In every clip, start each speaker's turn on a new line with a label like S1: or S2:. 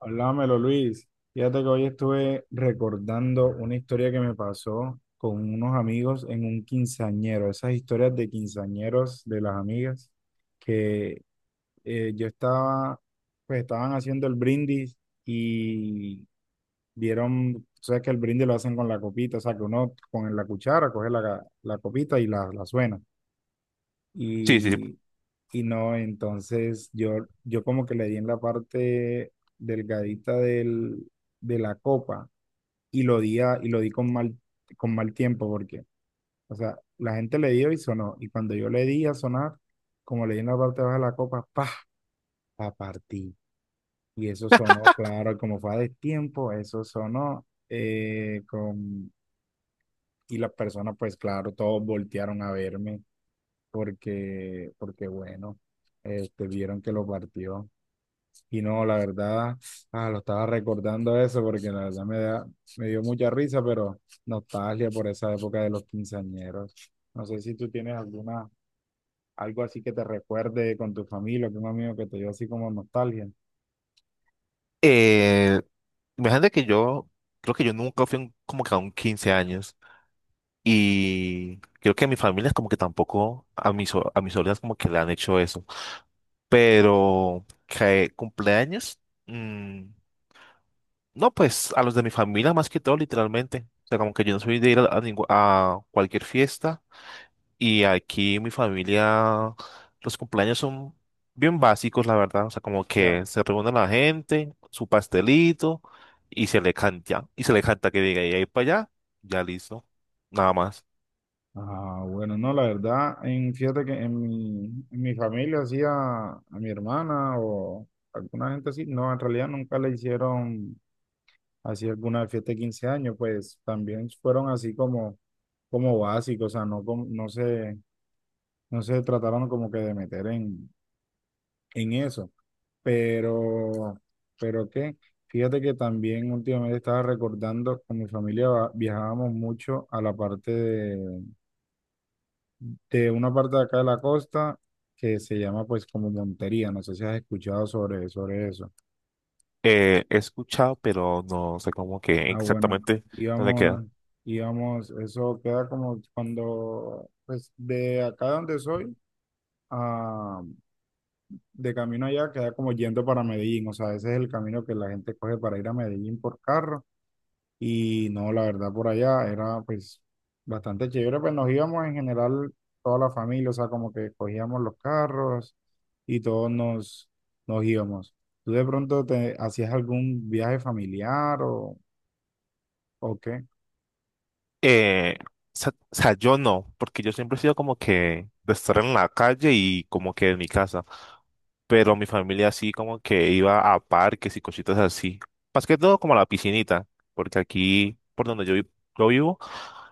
S1: Háblamelo, Luis. Fíjate que hoy estuve recordando una historia que me pasó con unos amigos en un quinceañero, esas historias de quinceañeros de las amigas, que yo estaba, pues estaban haciendo el brindis y dieron, tú sabes que el brindis lo hacen con la copita, o sea, que uno con la cuchara coge la copita y la suena.
S2: Sí, sí, sí.
S1: Y, y no, entonces yo como que le di en la parte delgadita del, de la copa y lo di, y lo di con mal tiempo porque, o sea, la gente le dio y sonó. Y cuando yo le di a sonar, como le di en la parte baja de la copa, ¡pah! La partí. Y eso sonó, claro, como fue a destiempo, eso sonó con, y las personas, pues claro, todos voltearon a verme porque, porque bueno, vieron que lo partió. Y no, la verdad, lo estaba recordando eso porque la verdad me da, me dio mucha risa, pero nostalgia por esa época de los quinceañeros. ¿No sé si tú tienes alguna, algo así que te recuerde con tu familia, con un amigo que te dio así como nostalgia?
S2: Eh, Imagínate que creo que yo nunca fui como que a un 15 años, y creo que a mi familia es como que tampoco a mis sobrinas como que le han hecho eso. Pero que cumpleaños, mm, no, pues a los de mi familia más que todo, literalmente. O sea, como que yo no soy de ir a cualquier fiesta. Y aquí mi familia, los cumpleaños son bien básicos, la verdad. O sea, como
S1: Ya.
S2: que se reúne la gente, su pastelito y se le canta. Y se le canta que diga, y ahí para allá, ya listo. Nada más.
S1: Ah, bueno, no, la verdad, en, fíjate que en mi familia hacía a mi hermana o alguna gente así, no, en realidad nunca le hicieron así alguna fiesta de 15 años, pues también fueron así como, como básicos, o sea, no, no se, no se trataron como que de meter en eso, pero, pero qué, fíjate que también últimamente estaba recordando, con mi familia viajábamos mucho a la parte de una parte de acá de la costa que se llama pues como Montería, no sé si has escuchado sobre, sobre eso.
S2: He escuchado, pero no sé cómo que
S1: Ah, bueno,
S2: exactamente dónde queda.
S1: íbamos, íbamos, eso queda como cuando, pues de acá donde soy, a, de camino allá, queda como yendo para Medellín, o sea, ese es el camino que la gente coge para ir a Medellín por carro, y no, la verdad, por allá era pues bastante chévere, pues nos íbamos en general toda la familia, o sea, como que cogíamos los carros y todos nos, nos íbamos. ¿Tú de pronto te hacías algún viaje familiar o qué?
S2: Eh, o sea, yo no, porque yo siempre he sido como que de estar en la calle y como que en mi casa. Pero mi familia así como que iba a parques y cositas así. Más que todo como a la piscinita, porque aquí por donde yo vivo,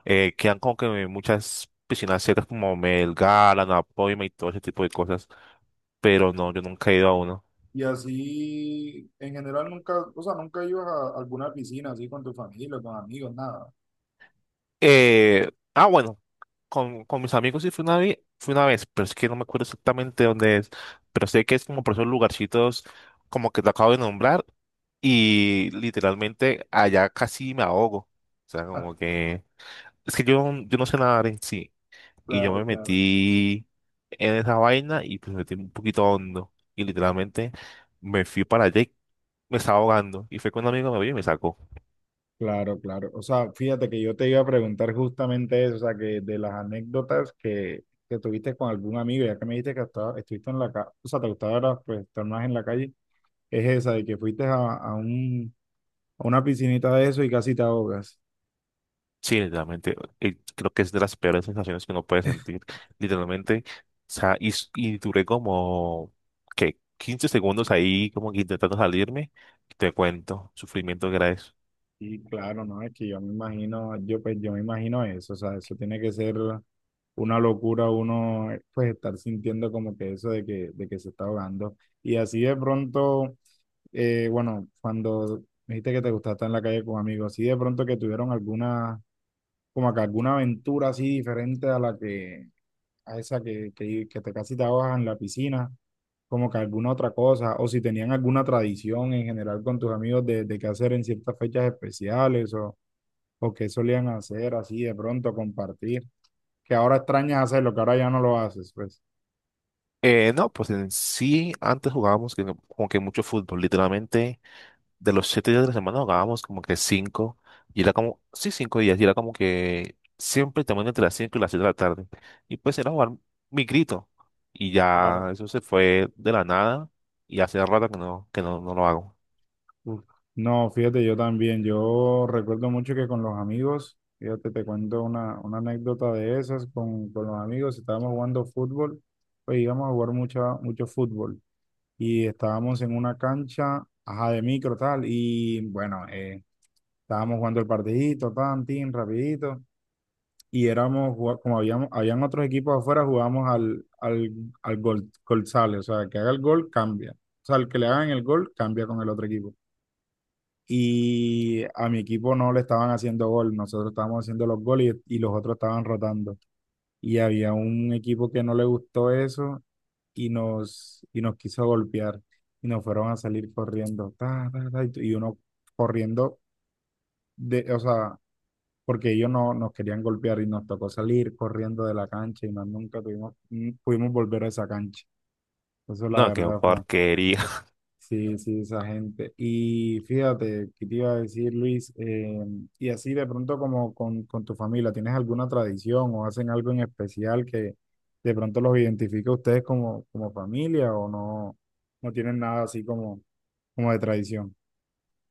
S2: quedan como que muchas piscinas cercas como Melgar, Anapoima y todo ese tipo de cosas, pero no, yo nunca he ido a uno.
S1: Y así, en general, nunca, o sea, ¿nunca ibas a alguna piscina así con tu familia, con amigos, nada?
S2: Eh, bueno, con mis amigos sí fui una vez, pero es que no me acuerdo exactamente dónde es, pero sé que es como por esos lugarcitos como que te acabo de nombrar, y literalmente allá casi me ahogo. O sea, como que... Es que yo no sé nadar en sí. Y yo
S1: Claro,
S2: me
S1: claro.
S2: metí en esa vaina y pues me metí un poquito hondo. Y literalmente me fui para allá y me estaba ahogando. Y fue cuando un amigo me vio y me sacó.
S1: Claro, claro. O sea, fíjate que yo te iba a preguntar justamente eso, o sea, que de las anécdotas que tuviste con algún amigo, ya que me dijiste que estuviste en la calle, o sea, te gustaba era, pues, estar más en la calle, es esa de que fuiste a un, a una piscinita de eso y casi te ahogas.
S2: Sí, literalmente. Creo que es de las peores sensaciones que uno puede sentir. Literalmente. O sea, y duré como, ¿qué? 15 segundos ahí como que intentando salirme. Te cuento, sufrimiento que era eso.
S1: Sí, claro, no, es que yo me imagino, yo pues yo me imagino eso, o sea, eso tiene que ser una locura uno pues estar sintiendo como que eso de que se está ahogando. Y así de pronto, bueno, cuando me dijiste que te gustaba estar en la calle con amigos, así de pronto que tuvieron alguna, como que alguna aventura así diferente a la que, a esa que te casi te ahogas en la piscina, como que alguna otra cosa, o si tenían alguna tradición en general con tus amigos de qué hacer en ciertas fechas especiales o qué solían hacer así de pronto, compartir, que ahora extrañas hacerlo, que ahora ya no lo haces, pues.
S2: No, pues en sí, antes jugábamos no, como que mucho fútbol, literalmente de los 7 días de la semana jugábamos como que cinco, y era como, sí, 5 días, y era como que siempre también entre las 5 y las 7 de la tarde. Y pues era jugar mi grito, y
S1: Claro.
S2: ya eso se fue de la nada, y hace rato que no, no lo hago.
S1: Uf. No, fíjate, yo también, yo recuerdo mucho que con los amigos, fíjate, te cuento una anécdota de esas, con los amigos estábamos jugando fútbol, pues íbamos a jugar mucho, mucho fútbol. Y estábamos en una cancha, ajá, de micro, tal, y bueno, estábamos jugando el partidito, tan, tin, rapidito, y éramos, como habíamos, habían otros equipos afuera, jugábamos al gol, gol sale, o sea, el que haga el gol cambia, o sea, el que le hagan el gol cambia con el otro equipo. Y a mi equipo no le estaban haciendo gol, nosotros estábamos haciendo los goles y los otros estaban rotando. Y había un equipo que no le gustó eso y nos quiso golpear y nos fueron a salir corriendo, ta, ta, ta, y uno corriendo, de, o sea, porque ellos no, nos querían golpear y nos tocó salir corriendo de la cancha y más nunca tuvimos, pudimos volver a esa cancha. Eso la
S2: No, qué
S1: verdad fue.
S2: porquería.
S1: Sí, sí, esa gente. Y fíjate, ¿qué te iba a decir, Luis? Y así de pronto como con tu familia, ¿tienes alguna tradición o hacen algo en especial que de pronto los identifique a ustedes como, como familia o no, no tienen nada así como, como de tradición?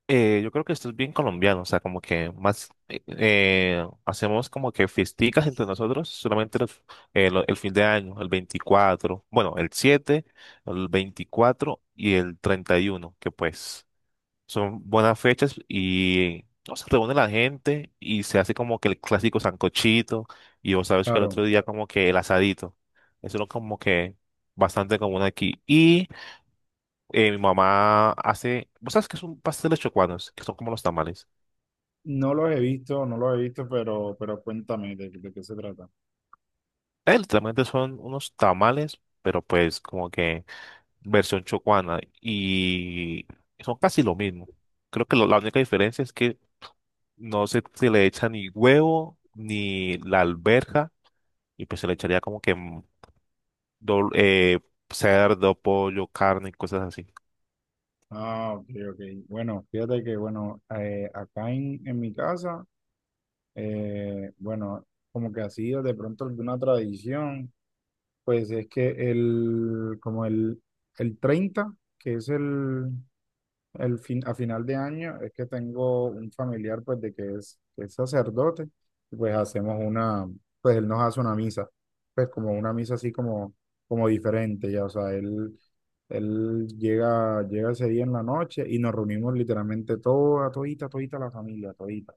S2: Yo creo que esto es bien colombiano, o sea, como que más hacemos como que fiesticas entre nosotros solamente el fin de año, el 24, bueno, el 7, el 24 y el 31, que pues son buenas fechas. Y no, se reúne la gente y se hace como que el clásico sancochito, y vos sabes que el
S1: Claro,
S2: otro día como que el asadito. Eso es como que bastante común aquí. Y mi mamá hace, vos sabes que son pasteles chocuanos, que son como los tamales.
S1: no los he visto, no los he visto, pero cuéntame de qué se trata.
S2: Literalmente son unos tamales, pero pues como que versión chocuana, y son casi lo mismo. Creo que la única diferencia es que no se, se le echa ni huevo ni la alberja, y pues se le echaría como que dol- eh, cerdo, pollo, carne y cosas así.
S1: Ah, ok, ok. Bueno, fíjate que, bueno, acá en mi casa... bueno, como que así de pronto alguna tradición, pues es que el, como el 30 que es el fin, a final de año, es que tengo un familiar pues de que es sacerdote, y pues hacemos una, pues él nos hace una misa, pues como una misa así como, como diferente, ya, o sea, él... Él llega, llega ese día en la noche y nos reunimos literalmente toda, todita, todita la familia, todita.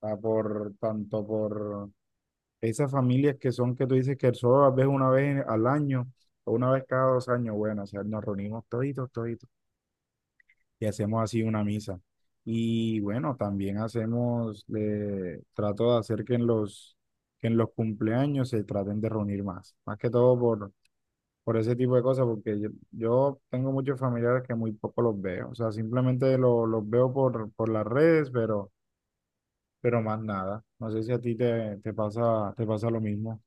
S1: Sea, por, tanto por, esas familias que son que tú dices que solo las ves una vez al año o una vez cada dos años, bueno, o sea, nos reunimos toditos, toditos y hacemos así una misa. Y bueno, también hacemos, trato de hacer que en los cumpleaños se traten de reunir más, más que todo por ese tipo de cosas, porque yo tengo muchos familiares que muy poco los veo, o sea, simplemente los veo por las redes, pero más nada. No sé si a ti te, te pasa lo mismo.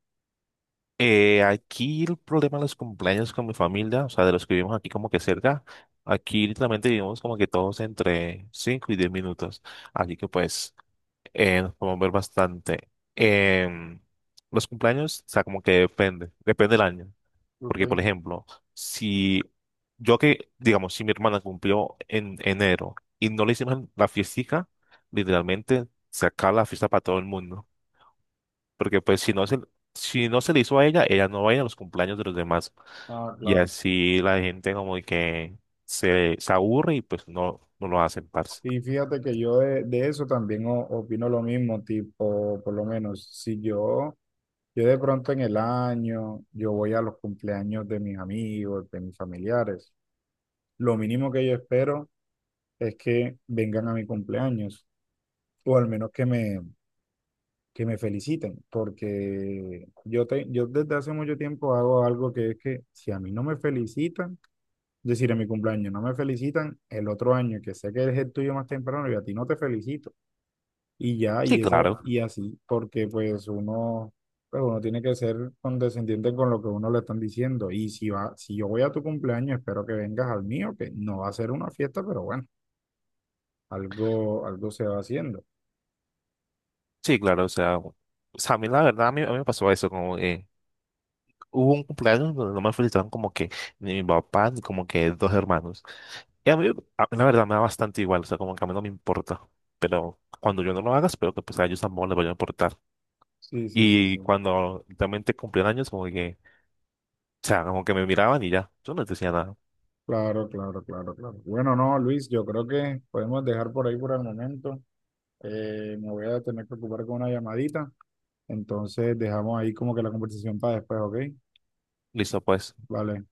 S2: Aquí el problema de los cumpleaños con mi familia, o sea, de los que vivimos aquí como que cerca, aquí literalmente vivimos como que todos entre 5 y 10 minutos, así que pues nos podemos ver bastante. Em, los cumpleaños, o sea, como que depende, depende del año. Porque,
S1: Ok.
S2: por ejemplo, si digamos, si mi hermana cumplió en enero y no le hicimos la fiestica, literalmente se acaba la fiesta para todo el mundo. Porque pues si no se le hizo a ella, ella no va a ir a los cumpleaños de los demás.
S1: Ah,
S2: Y
S1: claro.
S2: así la gente como que se aburre y pues no lo hacen, parce.
S1: Y fíjate que yo de eso también opino lo mismo, tipo, por lo menos, si yo, yo de pronto en el año, yo voy a los cumpleaños de mis amigos, de mis familiares, lo mínimo que yo espero es que vengan a mi cumpleaños, o al menos que me feliciten, porque yo, te, yo desde hace mucho tiempo hago algo que es que si a mí no me felicitan, es decir, en mi cumpleaños no me felicitan, el otro año que sé que es el tuyo más temprano y a ti no te felicitan, y ya,
S2: Sí,
S1: y esa,
S2: claro.
S1: y así, porque pues uno tiene que ser condescendiente con lo que uno le están diciendo. Y si va, si yo voy a tu cumpleaños, espero que vengas al mío, que no va a ser una fiesta, pero bueno, algo, algo se va haciendo.
S2: Sí, claro. O sea, a mí la verdad, a mí me pasó eso, como que hubo un cumpleaños donde no me felicitaron como que ni mi papá, ni como que dos hermanos. Y a mí, la verdad, me da bastante igual, o sea, como que a mí no me importa, pero cuando yo no lo haga, espero que pues a ellos tampoco les vaya a importar.
S1: Sí, sí, sí,
S2: Y
S1: sí.
S2: cuando realmente cumplían años, como que, o sea, como que me miraban y ya, yo no les decía nada.
S1: Claro, claro, claro, claro. Bueno, no, Luis, yo creo que podemos dejar por ahí por el momento. Me voy a tener que ocupar con una llamadita. Entonces dejamos ahí como que la conversación para después, ¿ok?
S2: Listo, pues.
S1: Vale.